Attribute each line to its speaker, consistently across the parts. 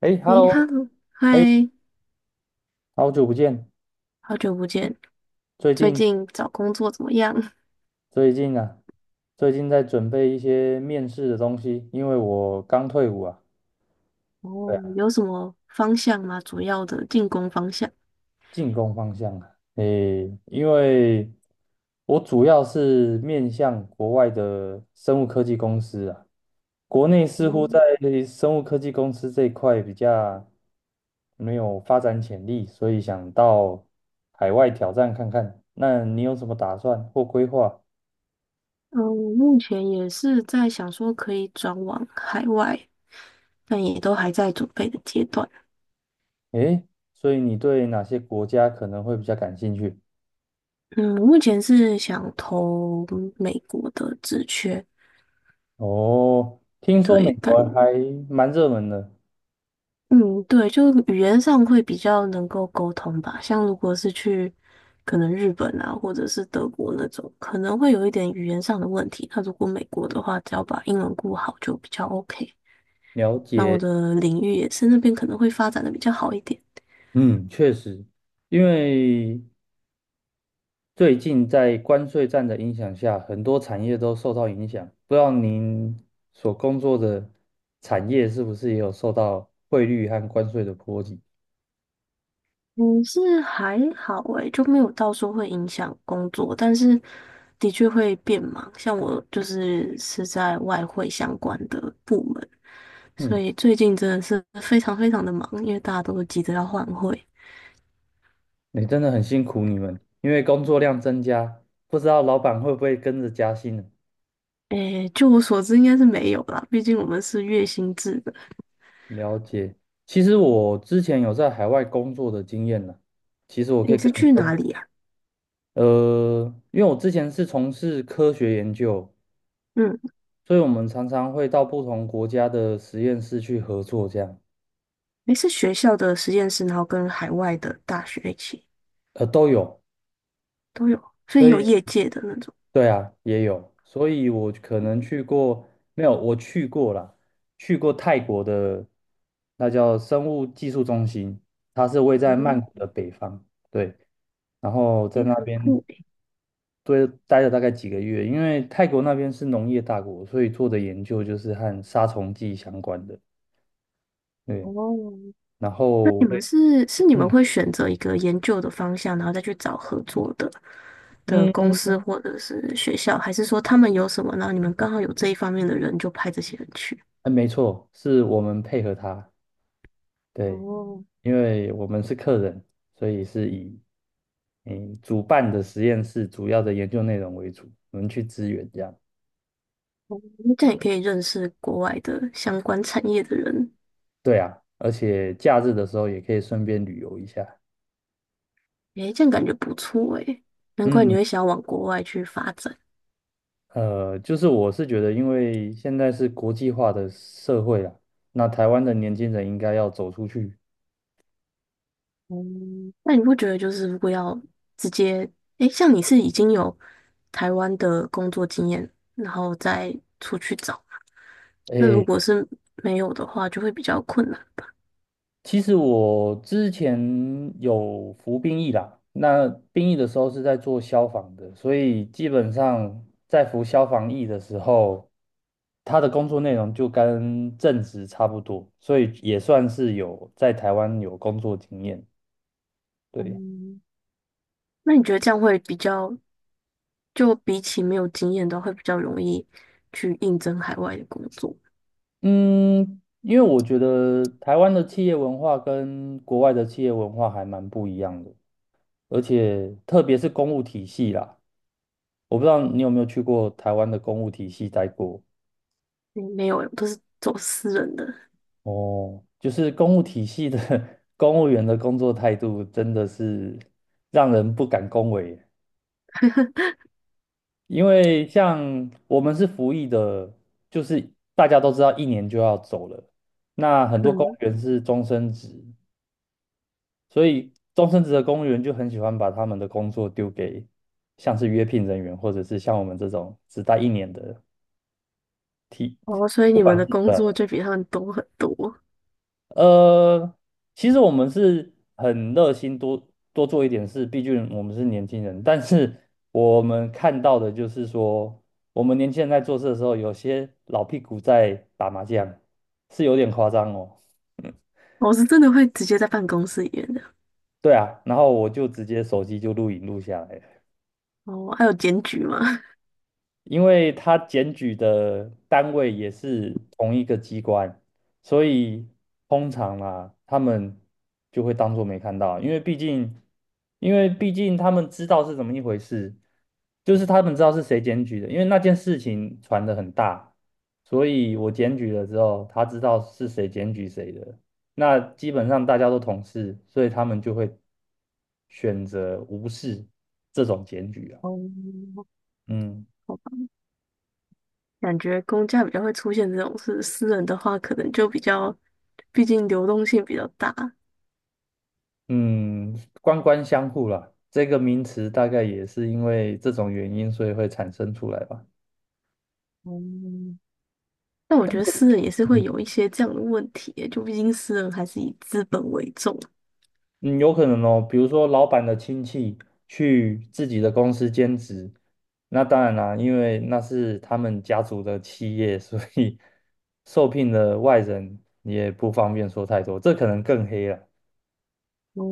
Speaker 1: 哎
Speaker 2: 诶 h
Speaker 1: ，Hello，
Speaker 2: e
Speaker 1: 哎，
Speaker 2: 嗨，
Speaker 1: 好久不见。
Speaker 2: 好久不见。
Speaker 1: 最
Speaker 2: 最
Speaker 1: 近
Speaker 2: 近找工作怎么样？
Speaker 1: 最近啊，最近在准备一些面试的东西，因为我刚退伍啊。对
Speaker 2: 哦，
Speaker 1: 啊，
Speaker 2: 有什么方向吗？主要的进攻方向？
Speaker 1: 进攻方向啊。诶，因为我主要是面向国外的生物科技公司啊，国内似乎
Speaker 2: 哦，
Speaker 1: 在生物科技公司这一块比较没有发展潜力，所以想到海外挑战看看。那你有什么打算或规划？
Speaker 2: 嗯，我目前也是在想说可以转往海外，但也都还在准备的阶段。
Speaker 1: 诶，所以你对哪些国家可能会比较感兴趣？
Speaker 2: 嗯，我目前是想投美国的职缺。
Speaker 1: 哦，听说美
Speaker 2: 对，感
Speaker 1: 国还蛮热门的，
Speaker 2: 嗯，对，就语言上会比较能够沟通吧。像如果是去可能日本啊，或者是德国那种，可能会有一点语言上的问题。那如果美国的话，只要把英文顾好就比较 OK。
Speaker 1: 了
Speaker 2: 那我
Speaker 1: 解。
Speaker 2: 的领域也是那边可能会发展的比较好一点。
Speaker 1: 嗯，确实，因为最近在关税战的影响下，很多产业都受到影响。不知道您所工作的产业是不是也有受到汇率和关税的波及？
Speaker 2: 嗯，是还好诶，就没有到说会影响工作，但是的确会变忙。像我就是在外汇相关的部门。所
Speaker 1: 嗯，
Speaker 2: 以最近真的是非常非常的忙，因为大家都急着要换汇。
Speaker 1: 你真的很辛苦你们，因为工作量增加，不知道老板会不会跟着加薪呢？
Speaker 2: 诶，就我所知应该是没有啦，毕竟我们是月薪制的。
Speaker 1: 了解。其实我之前有在海外工作的经验呢，其实我
Speaker 2: 诶
Speaker 1: 可以
Speaker 2: 你是
Speaker 1: 跟你
Speaker 2: 去
Speaker 1: 分，
Speaker 2: 哪里啊？
Speaker 1: 因为我之前是从事科学研究，
Speaker 2: 嗯，
Speaker 1: 所以我们常常会到不同国家的实验室去合作，这样，
Speaker 2: 诶，是学校的实验室，然后跟海外的大学一起
Speaker 1: 都有。
Speaker 2: 都有，所以
Speaker 1: 所
Speaker 2: 也有
Speaker 1: 以，
Speaker 2: 业界的那种。
Speaker 1: 对啊，也有。所以我可能去过，没有，我去过啦，去过泰国的，那叫生物技术中心，它是位在曼谷
Speaker 2: 嗯，
Speaker 1: 的北方，对。然后在
Speaker 2: 诶，
Speaker 1: 那
Speaker 2: 很
Speaker 1: 边
Speaker 2: 酷诶。
Speaker 1: 对，待了大概几个月，因为泰国那边是农业大国，所以做的研究就是和杀虫剂相关的。对，
Speaker 2: 哦，
Speaker 1: 然
Speaker 2: 那
Speaker 1: 后
Speaker 2: 你
Speaker 1: 我
Speaker 2: 们
Speaker 1: 也
Speaker 2: 是你们
Speaker 1: 嗯
Speaker 2: 会选择一个研究的方向，然后再去找合作的的公
Speaker 1: 嗯，
Speaker 2: 司或者是学校，还是说他们有什么，然后你们刚好有这一方面的人就派这些人去？
Speaker 1: 哎没错，是我们配合他，对，
Speaker 2: 哦，
Speaker 1: 因为我们是客人，所以是以嗯主办的实验室主要的研究内容为主，我们去支援这样。
Speaker 2: 哦那这样也可以认识国外的相关产业的人。
Speaker 1: 对啊，而且假日的时候也可以顺便旅游一下。
Speaker 2: 诶，这样感觉不错诶，难怪你
Speaker 1: 嗯。
Speaker 2: 会想要往国外去发展。
Speaker 1: 就是我是觉得，因为现在是国际化的社会啦，那台湾的年轻人应该要走出去。
Speaker 2: 哦，那你不觉得就是如果要直接，诶，像你是已经有台湾的工作经验，然后再出去找，那如
Speaker 1: 诶，
Speaker 2: 果是没有的话，就会比较困难。
Speaker 1: 其实我之前有服兵役啦，那兵役的时候是在做消防的，所以基本上在服消防役的时候，他的工作内容就跟正职差不多，所以也算是有在台湾有工作经验。对。
Speaker 2: 嗯，那你觉得这样会比较，就比起没有经验的话，会比较容易去应征海外的工作？嗯
Speaker 1: 嗯，因为我觉得台湾的企业文化跟国外的企业文化还蛮不一样的，而且特别是公务体系啦，我不知道你有没有去过台湾的公务体系待过
Speaker 2: 没有欸我都是走私人的。
Speaker 1: 哦，就是公务体系的 公务员的工作态度真的是让人不敢恭维，因为像我们是服役的，就是大家都知道一年就要走了，那很多公务
Speaker 2: 嗯，
Speaker 1: 员是终身制，所以终身职的公务员就很喜欢把他们的工作丢给像是约聘人员，或者是像我们这种只待一年的替，
Speaker 2: 哦，所以
Speaker 1: 不
Speaker 2: 你们
Speaker 1: 管
Speaker 2: 的
Speaker 1: 是
Speaker 2: 工作
Speaker 1: 呃
Speaker 2: 就比他们多很多。
Speaker 1: 呃，其实我们是很热心多做一点事，毕竟我们是年轻人。但是我们看到的就是说，我们年轻人在做事的时候，有些老屁股在打麻将，是有点夸张哦。
Speaker 2: 我、是真的会直接在办公室里面的。
Speaker 1: 对啊，然后我就直接手机就录影录下来了。
Speaker 2: 哦，还有检举吗？
Speaker 1: 因为他检举的单位也是同一个机关，所以通常啊，他们就会当做没看到，因为毕竟他们知道是怎么一回事，就是他们知道是谁检举的，因为那件事情传得很大，所以我检举了之后，他知道是谁检举谁的，那基本上大家都同事，所以他们就会选择无视这种检举啊，
Speaker 2: 哦，
Speaker 1: 嗯。
Speaker 2: 好吧，感觉公家比较会出现这种事，私人的话可能就比较，毕竟流动性比较大。
Speaker 1: 嗯，官官相护啦，这个名词大概也是因为这种原因，所以会产生出来吧。
Speaker 2: 哦，但我觉得私人也是会有
Speaker 1: 嗯
Speaker 2: 一些这样的问题耶就毕竟私人还是以资本为重。
Speaker 1: 嗯有可能哦，比如说老板的亲戚去自己的公司兼职，那当然啦，因为那是他们家族的企业，所以受聘的外人也不方便说太多，这可能更黑了。
Speaker 2: 哦，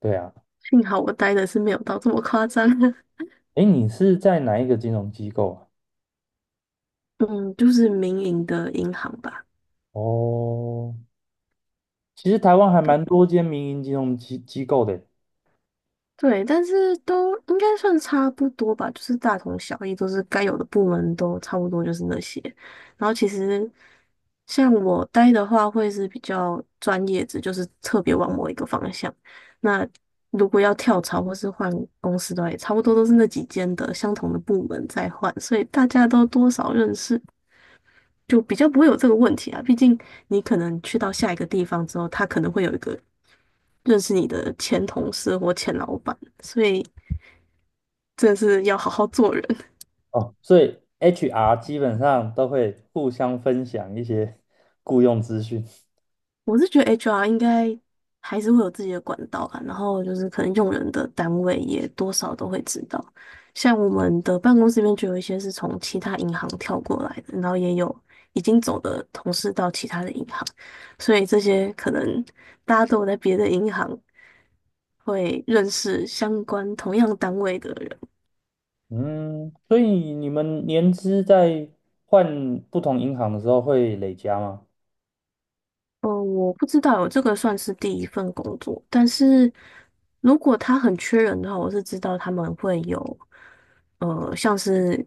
Speaker 1: 对啊，
Speaker 2: 幸好我待的是没有到这么夸张。
Speaker 1: 诶，你是在哪一个金融机构啊？
Speaker 2: 嗯，就是民营的银行吧。
Speaker 1: 哦，其实台湾还蛮
Speaker 2: 对。
Speaker 1: 多间民营金融机构的。
Speaker 2: 对，但是都应该算差不多吧，就是大同小异，都是该有的部门都差不多，就是那些。然后其实像我待的话，会是比较专业的，就是特别往某一个方向。那如果要跳槽或是换公司的话，也差不多都是那几间的相同的部门在换，所以大家都多少认识，就比较不会有这个问题啊。毕竟你可能去到下一个地方之后，他可能会有一个认识你的前同事或前老板，所以。真的是要好好做人。
Speaker 1: 哦，所以 HR 基本上都会互相分享一些 雇佣资讯。
Speaker 2: 我是觉得 HR 应该还是会有自己的管道吧，然后就是可能用人的单位也多少都会知道。像我们的办公室里面就有一些是从其他银行跳过来的，然后也有已经走的同事到其他的银行，所以这些可能大家都有在别的银行会认识相关同样单位的人。
Speaker 1: 嗯，所以你们年资在换不同银行的时候会累加吗？
Speaker 2: 嗯，我不知道，这个算是第一份工作，但是如果他很缺人的话，我是知道他们会有，呃，像是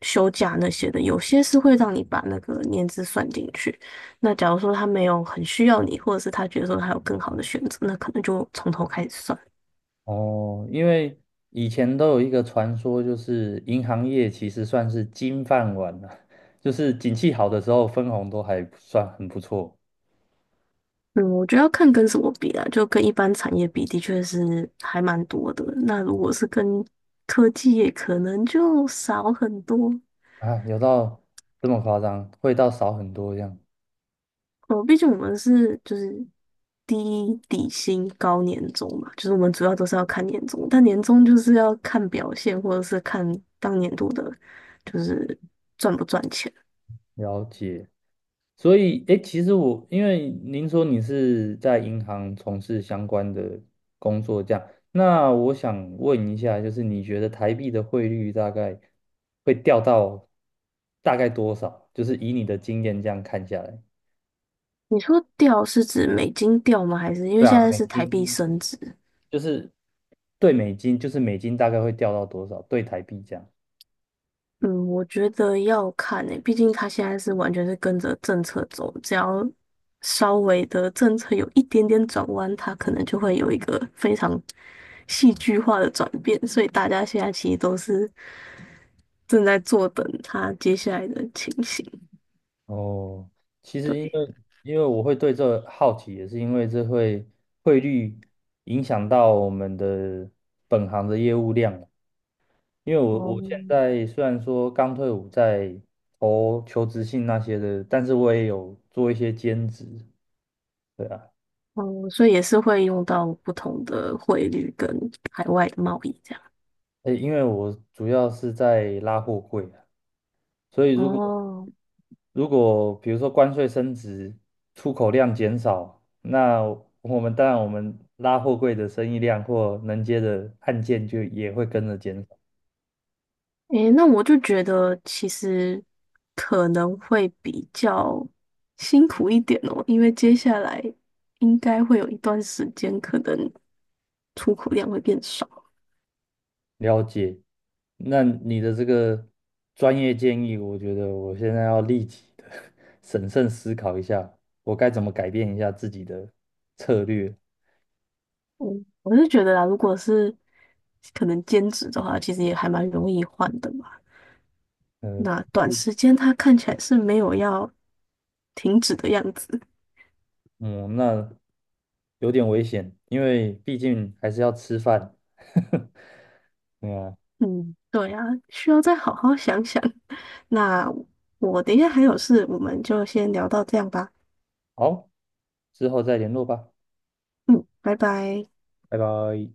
Speaker 2: 休假那些的，有些是会让你把那个年资算进去。那假如说他没有很需要你，或者是他觉得说他有更好的选择，那可能就从头开始算。
Speaker 1: 哦，因为以前都有一个传说，就是银行业其实算是金饭碗了，就是景气好的时候分红都还算很不错
Speaker 2: 嗯，我觉得要看跟什么比啊，就跟一般产业比，的确是还蛮多的。那如果是跟科技业，可能就少很多。
Speaker 1: 啊，有到这么夸张，会到少很多这样。
Speaker 2: 哦，毕竟我们是就是低底薪高年终嘛，就是我们主要都是要看年终，但年终就是要看表现，或者是看当年度的，就是赚不赚钱。
Speaker 1: 了解。所以，诶，其实我因为您说你是在银行从事相关的工作，这样，那我想问一下，就是你觉得台币的汇率大概会掉到大概多少？就是以你的经验这样看下来，
Speaker 2: 你说掉是指美金掉吗？还是因为
Speaker 1: 对
Speaker 2: 现
Speaker 1: 啊，
Speaker 2: 在
Speaker 1: 美
Speaker 2: 是台币
Speaker 1: 金
Speaker 2: 升值？
Speaker 1: 就是对美金，就是美金大概会掉到多少？对台币这样。
Speaker 2: 嗯，我觉得要看诶，毕竟它现在是完全是跟着政策走，只要稍微的政策有一点点转弯，它可能就会有一个非常戏剧化的转变，所以大家现在其实都是正在坐等它接下来的情形。
Speaker 1: 哦，其实因
Speaker 2: 对，
Speaker 1: 为因为我会对这好奇，也是因为这会汇率影响到我们的本行的业务量啊。因为我
Speaker 2: 哦，
Speaker 1: 我现在虽然说刚退伍，在投求职信那些的，但是我也有做一些兼职。对啊，
Speaker 2: 哦，所以也是会用到不同的汇率跟海外的贸易这样。
Speaker 1: 诶，因为我主要是在拉货柜啊，所以如果
Speaker 2: 哦。
Speaker 1: 如果比如说关税升值，出口量减少，那我们拉货柜的生意量或能接的案件就也会跟着减少。
Speaker 2: 诶，那我就觉得其实可能会比较辛苦一点哦，因为接下来应该会有一段时间，可能出口量会变少。
Speaker 1: 了解，那你的这个专业建议，我觉得我现在要立即的 审慎思考一下，我该怎么改变一下自己的策略。
Speaker 2: 嗯，我是觉得啦，如果是可能兼职的话，其实也还蛮容易换的嘛。
Speaker 1: 呃，
Speaker 2: 那短
Speaker 1: 是
Speaker 2: 时间它看起来是没有要停止的样子。
Speaker 1: 嗯，那有点危险，因为毕竟还是要吃饭。对啊
Speaker 2: 嗯，对啊，需要再好好想想。那我等一下还有事，我们就先聊到这样吧。
Speaker 1: 好，之后再联络吧，
Speaker 2: 嗯，拜拜。
Speaker 1: 拜拜。